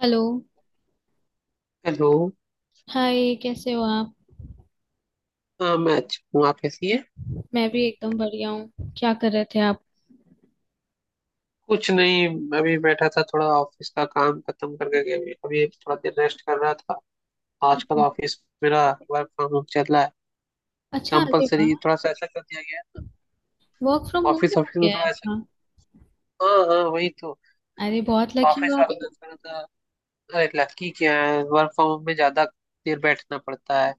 Hello. Hello. Hi, कैसे हो आप? हाँ, मैं अच्छी हूँ। आप कैसी हैं? मैं भी एकदम बढ़िया हूँ। क्या कर रहे थे आप? कुछ नहीं, अभी बैठा था, थोड़ा ऑफिस का काम खत्म करके के अभी अभी थोड़ा देर रेस्ट कर रहा था। आजकल ऑफिस मेरा वर्क फ्रॉम होम चल रहा है। अच्छा! अरे वाह। कंपलसरी थोड़ा सा ऐसा कर दिया गया वर्क फ्रॉम है। होम ऑफिस हो ऑफिस में गया है थोड़ा ऐसा। आपका? हाँ हाँ वही तो। अरे बहुत लकी ऑफिस हो आप वाले ने तो। थोड़ा सा, अरे लड़की क्या है, वर्क फ्रॉम होम में ज्यादा देर बैठना पड़ता है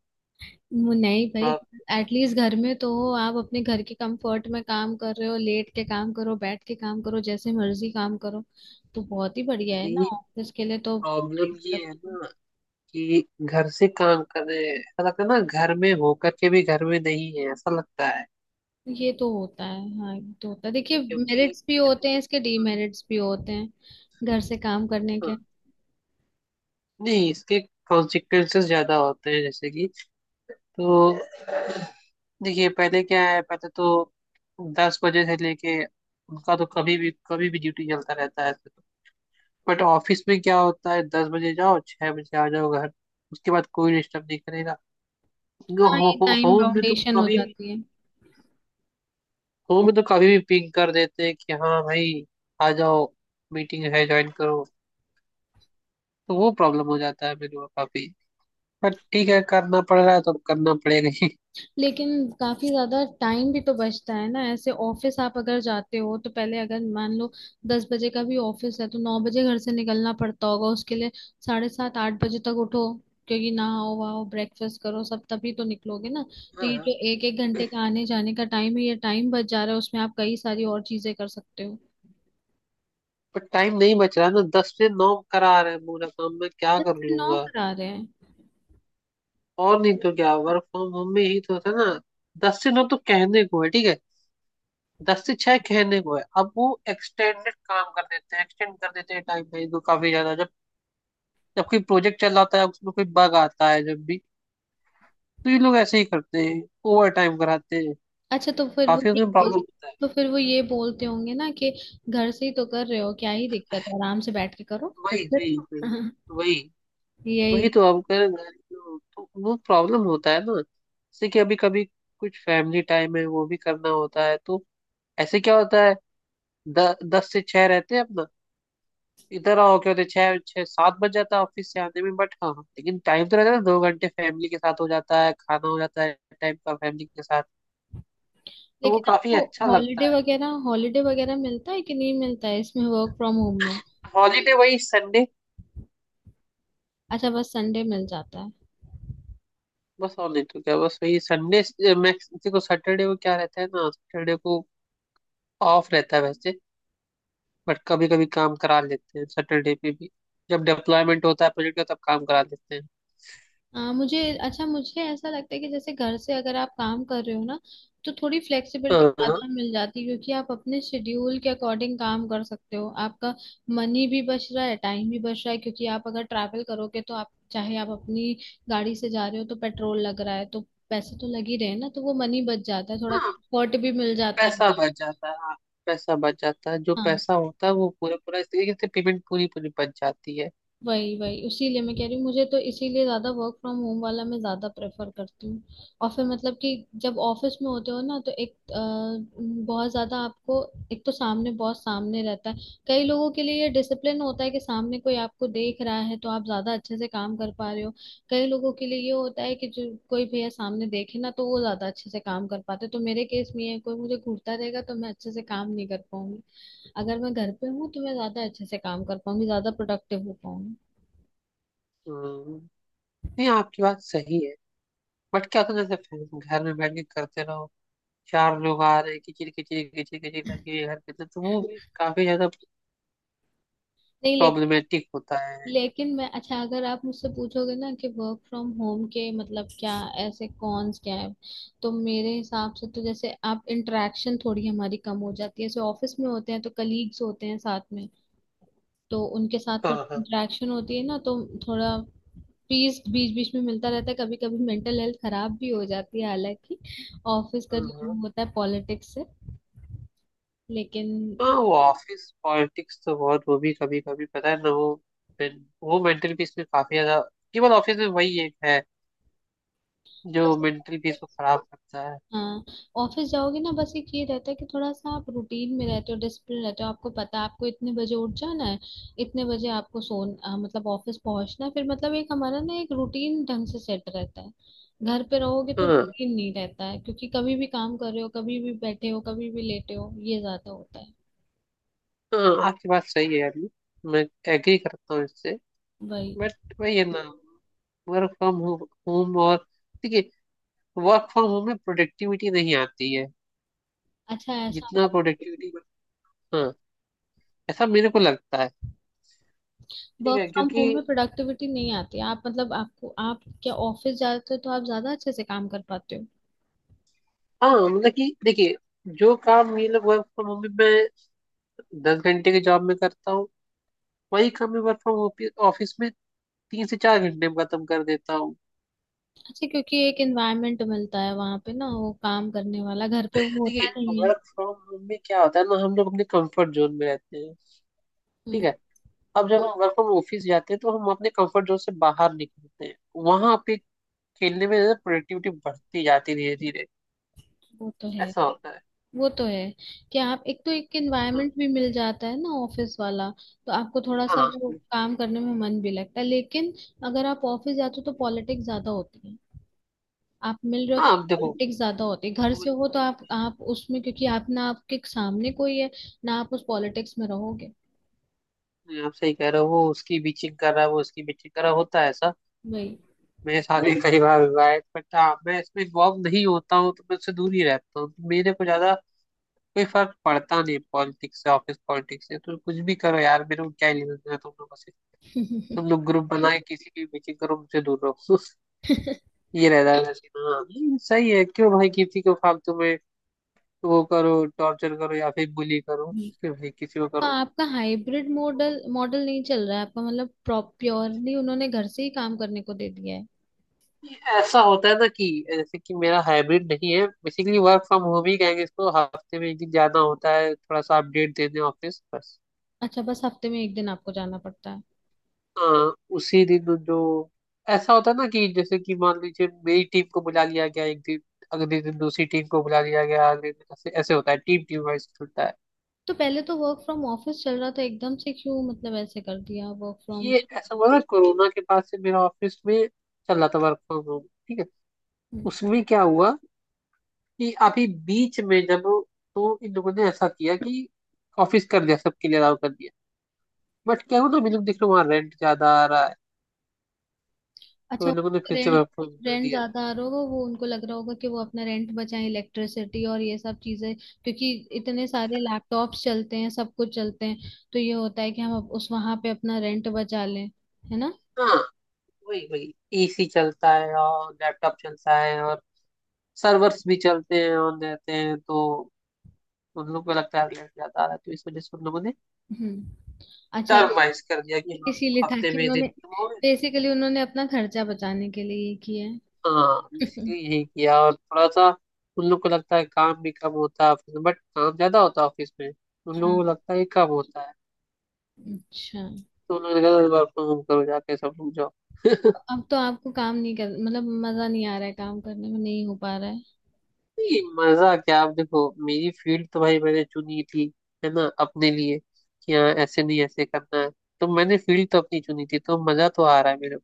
वो नहीं भाई, थोड़ा। एटलीस्ट घर में तो हो आप। अपने घर के कंफर्ट में काम कर रहे हो, लेट के काम करो, बैठ के काम करो, जैसे मर्जी काम करो, तो बहुत ही बढ़िया है ना। अरे ऑफिस के लिए तो प्रॉब्लम बड़ी ये दिक्कत है ना कि घर से काम कर रहे हैं, ऐसा लगता है ना घर में होकर के भी घर में नहीं है ऐसा लगता है। है। ये तो होता है। हाँ, ये तो होता है। देखिए, क्योंकि मेरिट्स भी होते देखो, हैं, इसके डीमेरिट्स भी होते हैं, घर से काम करने हाँ, के। नहीं इसके कॉन्सिक्वेंसेस ज्यादा होते हैं, जैसे कि तो देखिए पहले क्या है। पहले तो 10 बजे से लेके उनका तो कभी भी कभी भी ड्यूटी चलता रहता है। बट ऑफिस में क्या होता है, 10 बजे जाओ, 6 बजे आ जाओ घर। उसके बाद कोई डिस्टर्ब नहीं करेगा क्योंकि हाँ, हो, ये हो, टाइम होम में तो बाउंडेशन हो कभी, जाती है। होम में तो कभी भी पिंग कर देते हैं कि हाँ भाई आ जाओ, मीटिंग है ज्वाइन करो। तो वो प्रॉब्लम हो जाता है मेरे को काफी। पर ठीक है करना पड़ रहा है तो अब करना पड़ेगा ही। लेकिन काफी ज्यादा टाइम भी तो बचता है ना। ऐसे ऑफिस आप अगर जाते हो तो पहले, अगर मान लो 10 बजे का भी ऑफिस है, तो 9 बजे घर से निकलना पड़ता होगा उसके लिए। 7:30 8 बजे तक उठो, क्योंकि नहाओ वहाओ ब्रेकफास्ट करो सब, तभी तो निकलोगे ना। तो ये हाँ, जो एक एक घंटे का आने जाने का टाइम है, ये टाइम बच जा रहा है, उसमें आप कई सारी और चीजें कर सकते हो। पर टाइम नहीं बच रहा है ना, 10 से 9 करा रहे हैं पूरा काम। मैं क्या दस कर से नौ लूंगा? करा रहे हैं? और नहीं तो क्या, वर्क फ्रॉम होम में ही तो था ना। 10 से 9 तो कहने को है, ठीक है, 10 से 6 कहने को है, अब वो एक्सटेंडेड काम कर देते हैं, एक्सटेंड कर देते हैं टाइम लाइन को काफी ज्यादा। जब जब कोई प्रोजेक्ट चल रहा होता है उसमें कोई बग आता है जब भी, तो ये लोग ऐसे ही करते हैं, ओवर टाइम कराते हैं। अच्छा, तो फिर वो काफी ये उसमें बोल प्रॉब्लम होता है। तो फिर वो ये बोलते होंगे ना कि घर से ही तो कर रहे हो, क्या ही दिक्कत है, आराम से बैठ के करो, वही करते वही वही रहो। वही। वही यही। तो अब कर, तो वो प्रॉब्लम होता है ना, जैसे कि अभी कभी कुछ फैमिली टाइम है वो भी करना होता है, तो ऐसे क्या होता है, दस से छह रहते हैं अपना, इधर आओ क्या होते हैं, छह छह सात बज जाता है ऑफिस से आने में। बट हाँ हाँ, लेकिन टाइम तो रहता है ना, 2 घंटे फैमिली के साथ हो जाता है, खाना हो जाता है, टाइम का फैमिली के साथ। तो वो लेकिन काफी आपको अच्छा हॉलीडे लगता है। वगैरह, हॉलीडे वगैरह मिलता है कि नहीं मिलता है इसमें, वर्क फ्रॉम होम में? हॉलीडे वही संडे। अच्छा, बस संडे मिल जाता है? बस, और नहीं तो क्या, बस वही संडे। मैक्स को सैटरडे को क्या रहता है ना, सैटरडे को ऑफ रहता है वैसे। बट कभी कभी काम करा लेते हैं सैटरडे पे भी, जब डिप्लॉयमेंट होता है प्रोजेक्ट का, तब काम करा लेते हैं। हाँ, मुझे अच्छा, मुझे ऐसा लगता है कि जैसे घर से अगर आप काम कर रहे हो ना, तो थोड़ी फ्लेक्सिबिलिटी हाँ ज्यादा मिल जाती है। क्योंकि आप अपने शेड्यूल के अकॉर्डिंग काम कर सकते हो। आपका मनी भी बच रहा है, टाइम भी बच रहा है। क्योंकि आप अगर ट्रैवल करोगे तो आप, चाहे आप अपनी गाड़ी से जा रहे हो तो पेट्रोल लग रहा है, तो पैसे तो लग ही रहे हैं ना, तो वो मनी बच जाता है, थोड़ा हाँ, कंफर्ट भी मिल जाता है। पैसा बच जाता है, हाँ पैसा बच जाता है। जो हाँ, पैसा होता है वो पूरा पूरा इस तरीके से पेमेंट पूरी पूरी बच जाती है। वही वही। उसीलिए मैं कह रही हूँ, मुझे तो इसीलिए ज्यादा वर्क फ्रॉम होम वाला मैं ज्यादा प्रेफर करती हूँ। और फिर मतलब कि जब ऑफिस में होते हो ना, तो बहुत ज्यादा आपको, एक तो सामने, बॉस सामने रहता है। कई लोगों के लिए ये डिसिप्लिन होता है कि सामने कोई आपको देख रहा है तो आप ज्यादा अच्छे से काम कर पा रहे हो। कई लोगों के लिए ये होता है कि जो कोई भैया सामने देखे ना तो वो ज्यादा अच्छे से काम कर पाते। तो मेरे केस में ये है, कोई मुझे घूरता रहेगा तो मैं अच्छे से काम नहीं कर पाऊंगी। अगर मैं घर पे हूँ तो मैं ज्यादा अच्छे से काम कर पाऊंगी, ज्यादा प्रोडक्टिव हो पाऊंगी। हम्म, नहीं आपकी बात सही है। बट क्या होता है, जैसे फैन- घर में बैठ के करते रहो, चार लोग आ रहे हैं, किचिर किचिर किचिर किचिर लगी हुई है घर के अंदर, तो वो भी काफी ज्यादा नहीं, प्रॉब्लमेटिक होता है। लेकिन मैं, अच्छा, अगर आप मुझसे पूछोगे ना कि वर्क फ्रॉम होम के मतलब क्या, ऐसे कॉन्स क्या है, तो मेरे हिसाब से तो जैसे आप, इंटरेक्शन थोड़ी हमारी कम हो जाती है। जैसे ऑफिस में होते हैं तो कलीग्स होते हैं साथ में, तो उनके साथ हाँ थोड़ी हाँ इंटरेक्शन होती है ना, तो थोड़ा पीस बीच बीच में मिलता रहता है। कभी कभी मेंटल हेल्थ खराब भी हो जाती है, हालांकि ऑफिस का हाँ जो हाँ। वो होता है पॉलिटिक्स से। लेकिन, हाँ वो ऑफिस पॉलिटिक्स तो बहुत, वो भी कभी कभी पता है ना वो, वो मेंटल पीस में काफी ज्यादा, केवल ऑफिस में वही एक है जो मेंटल पीस को खराब करता है। हाँ ऑफिस जाओगे ना, बस एक ये रहता है कि थोड़ा सा आप रूटीन में रहते हो, डिसिप्लिन रहते हो। आपको पता है आपको इतने बजे उठ जाना है, इतने बजे आपको मतलब ऑफिस पहुंचना है। फिर मतलब एक हमारा ना, एक रूटीन ढंग से सेट रहता है। घर पे रहोगे तो हाँ, रूटीन नहीं रहता है, क्योंकि कभी भी काम कर रहे हो, कभी भी बैठे हो, कभी भी लेटे हो, ये ज्यादा होता है। हाँ आपकी बात सही है यार ये। मैं एग्री करता हूँ इससे। वही। बट वही है ना, वर्क फ्रॉम होम और देखिए वर्क फ्रॉम होम में प्रोडक्टिविटी नहीं आती है, अच्छा, ऐसा? जितना प्रोडक्टिविटी, हाँ ऐसा मेरे को लगता है। ठीक वर्क है फ्रॉम क्योंकि होम में प्रोडक्टिविटी नहीं आती? आप मतलब आपको, आप क्या ऑफिस जाते हो तो आप ज्यादा अच्छे से काम कर पाते हो? हाँ मतलब कि देखिए, जो काम ये लोग वर्क फ्रॉम होम में 10 घंटे की जॉब में करता हूँ वही काम मैं वर्क फ्रॉम ऑफिस में 3 से 4 घंटे में खत्म कर देता हूँ। अच्छा, क्योंकि एक एनवायरनमेंट मिलता है वहां पे ना, वो काम करने वाला घर पे वो होता देखिए नहीं है। वर्क फ्रॉम होम में क्या होता है ना, हम लोग अपने कंफर्ट जोन में रहते हैं, ठीक हम्म। है, अब जब हम वर्क फ्रॉम ऑफिस जाते हैं तो हम अपने कंफर्ट जोन से बाहर निकलते हैं, वहां पे खेलने में प्रोडक्टिविटी बढ़ती जाती है धीरे धीरे। वो तो है। ऐसा होता है। वो तो है कि आप, एक तो एक एनवायरनमेंट भी मिल जाता है ना ऑफिस वाला, तो आपको थोड़ा सा हाँ वो काम करने में मन भी लगता है। लेकिन अगर आप ऑफिस जाते हो तो पॉलिटिक्स ज्यादा होती है। आप मिल रहे हो तो हाँ अब देखो, पॉलिटिक्स ज्यादा होती है। घर से हो तो आप उसमें, क्योंकि आप ना, आपके सामने कोई है ना, आप उस पॉलिटिक्स में रहोगे। आप सही कह रहे हो, वो उसकी बीचिंग कर रहा है, वो उसकी बीचिंग कर रहा है, होता है ऐसा। वही। मेरे साथ भी कई बार हुआ है बट हाँ मैं इसमें इन्वॉल्व नहीं होता हूँ, तो मैं उससे दूर ही रहता हूँ, तो मेरे को ज्यादा कोई फर्क पड़ता नहीं पॉलिटिक्स से, ऑफिस पॉलिटिक्स से। तो कुछ भी करो यार, मेरे को क्या लेना देना तुम लोगों से। तुम लोग ग्रुप बनाए, किसी भी मीटिंग करो, मुझसे दूर रहो। ये रहता है वैसे। हाँ ये सही है, क्यों भाई किसी को फालतू में वो करो, टॉर्चर करो या फिर बुली करो। क्यों भाई किसी को तो करो। आपका हाइब्रिड मॉडल मॉडल नहीं चल रहा है आपका? मतलब प्योरली उन्होंने घर से ही काम करने को दे दिया है? ये ऐसा होता है ना कि जैसे कि मेरा हाइब्रिड नहीं है, बेसिकली वर्क फ्रॉम होम ही कहेंगे इसको, हफ्ते में एक दिन जाना होता है, थोड़ा सा अपडेट देने ऑफिस बस। अच्छा, बस हफ्ते में एक दिन आपको जाना पड़ता है? हाँ, उसी दिन जो ऐसा होता है ना कि जैसे कि मान लीजिए मेरी टीम को बुला लिया गया एक दिन, अगले दिन दूसरी टीम को बुला लिया गया, अगले दिन ऐसे ऐसे होता है, टीम टीम वाइज चलता है। तो पहले तो वर्क फ्रॉम ऑफिस चल रहा था, एकदम से क्यों मतलब ऐसे कर दिया वर्क फ्रॉम? ये ऐसा हुआ ना कोरोना के बाद से मेरा ऑफिस में चल रहा था वर्क फ्रॉम होम। ठीक है, उसमें क्या हुआ कि अभी बीच में जब, तो इन लोगों ने ऐसा किया कि ऑफिस कर दिया, सबके लिए अलाउ कर दिया। बट क्या हुआ ना, हम लोग देख रहे वहाँ रेंट ज्यादा आ रहा है, तो अच्छा। इन लोगों ने फिर से रेंट। वर्क फ्रॉम कर रेंट दिया। ज्यादा आ रहा होगा, वो उनको लग रहा होगा कि वो अपना रेंट बचाएं, इलेक्ट्रिसिटी और ये सब चीजें। क्योंकि इतने सारे लैपटॉप्स चलते हैं, सब कुछ चलते हैं, तो ये होता है कि हम अब उस, वहां पे अपना रेंट बचा लें। है ना? हाँ वही वही, एसी चलता है और लैपटॉप चलता है और सर्वर्स भी चलते हैं, ऑन रहते हैं, तो उन लोग को लगता है रेंट ज्यादा आ रहा है, तो इस वजह से उन लोगों ने हम्म। अच्छा, टर्माइज कर दिया कि हाँ, इसीलिए था हफ्ते कि में उन्होंने, दिन। बेसिकली उन्होंने अपना खर्चा बचाने के लिए ये किया है। हाँ इसीलिए यही किया, और थोड़ा सा उन लोग को लगता है काम भी कम होता है ऑफिस में, बट काम ज्यादा होता है ऑफिस में, उन लोगों हाँ, को लगता है ये कम होता है। अच्छा। तो उन लोगों ने कहा वर्क फ्रॉम होम करो, जाके सब लोग जाओ। अब तो आपको काम नहीं कर, मतलब मजा नहीं आ रहा है काम करने में, नहीं हो पा रहा है? नहीं, मजा क्या, आप देखो मेरी फील्ड तो भाई मैंने चुनी थी, है ना अपने लिए, कि हाँ ऐसे नहीं ऐसे करना है। तो मैंने फील्ड तो अपनी चुनी थी, तो मजा तो आ रहा है मेरे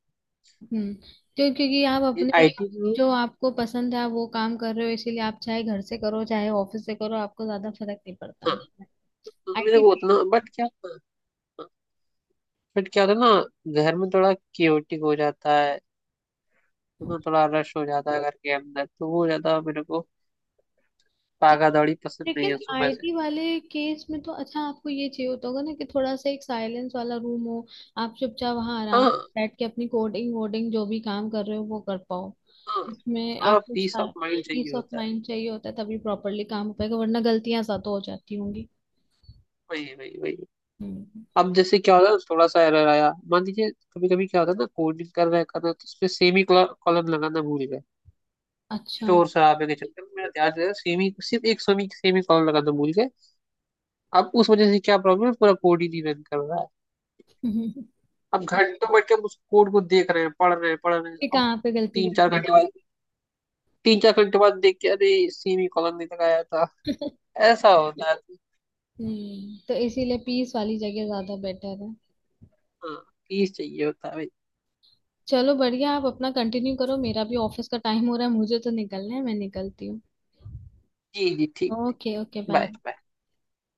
हम्म। क्यों, क्योंकि आप को अपने, आईटी में। जो आपको पसंद है आप वो काम कर रहे हो, इसीलिए आप चाहे घर से करो चाहे ऑफिस से करो आपको ज्यादा फर्क नहीं पड़ता। हाँ, तो मेरे आईटी को उतना, बट क्या, बट क्या होता है ना, घर में थोड़ा क्योटिक हो जाता है, उसमें बड़ा रश हो जाता है घर के अंदर, तो वो ज्यादा मेरे को भागा लेकिन दौड़ी पसंद नहीं लेकिन है सुबह से। आईटी वाले केस में तो, अच्छा, आपको ये चाहिए होता होगा ना कि थोड़ा सा एक साइलेंस वाला रूम हो, आप चुपचाप वहां आराम हाँ से बैठ के अपनी कोडिंग वोडिंग जो भी काम कर रहे हो वो कर पाओ। हाँ इसमें थोड़ा आपको पीस ऑफ माइंड पीस चाहिए ऑफ होता है। माइंड चाहिए होता है, तभी प्रॉपरली काम हो पाएगा, वरना गलतियां सा तो हो जाती होंगी। वही वही वही। हम्म। अब जैसे क्या होता है, थोड़ा सा एरर आया, मान लीजिए कभी कभी क्या होता है ना, कोडिंग कर रहे तो उसमें सेमी कॉलम लगाना भूल गए। अच्छा। शोर शराबे के चक्कर में मेरा ध्यान जो है, सेमी सिर्फ एक सेमी सेमी कॉलम लगाना भूल गए, अब उस वजह से क्या प्रॉब्लम है, पूरा कोड ही नहीं रन कर रहा है। कि अब घंटों बैठ के हम उस कोड को देख रहे हैं, पढ़ रहे हैं पढ़ रहे हैं, अब कहाँ पे गलती तीन कर चार दी? घंटे बाद, 3-4 घंटे बाद देख के अरे सेमी कॉलम नहीं लगाया था। ऐसा होता है। हम्म। तो इसीलिए पीस वाली जगह ज्यादा बेटर है। हाँ प्लीज चाहिए होता है भाई। चलो बढ़िया, आप अपना कंटिन्यू करो, मेरा भी ऑफिस का टाइम हो रहा है, मुझे तो निकलना है, मैं निकलती हूँ। जी जी ठीक ओके ठीक। Okay, bye. Bye bye.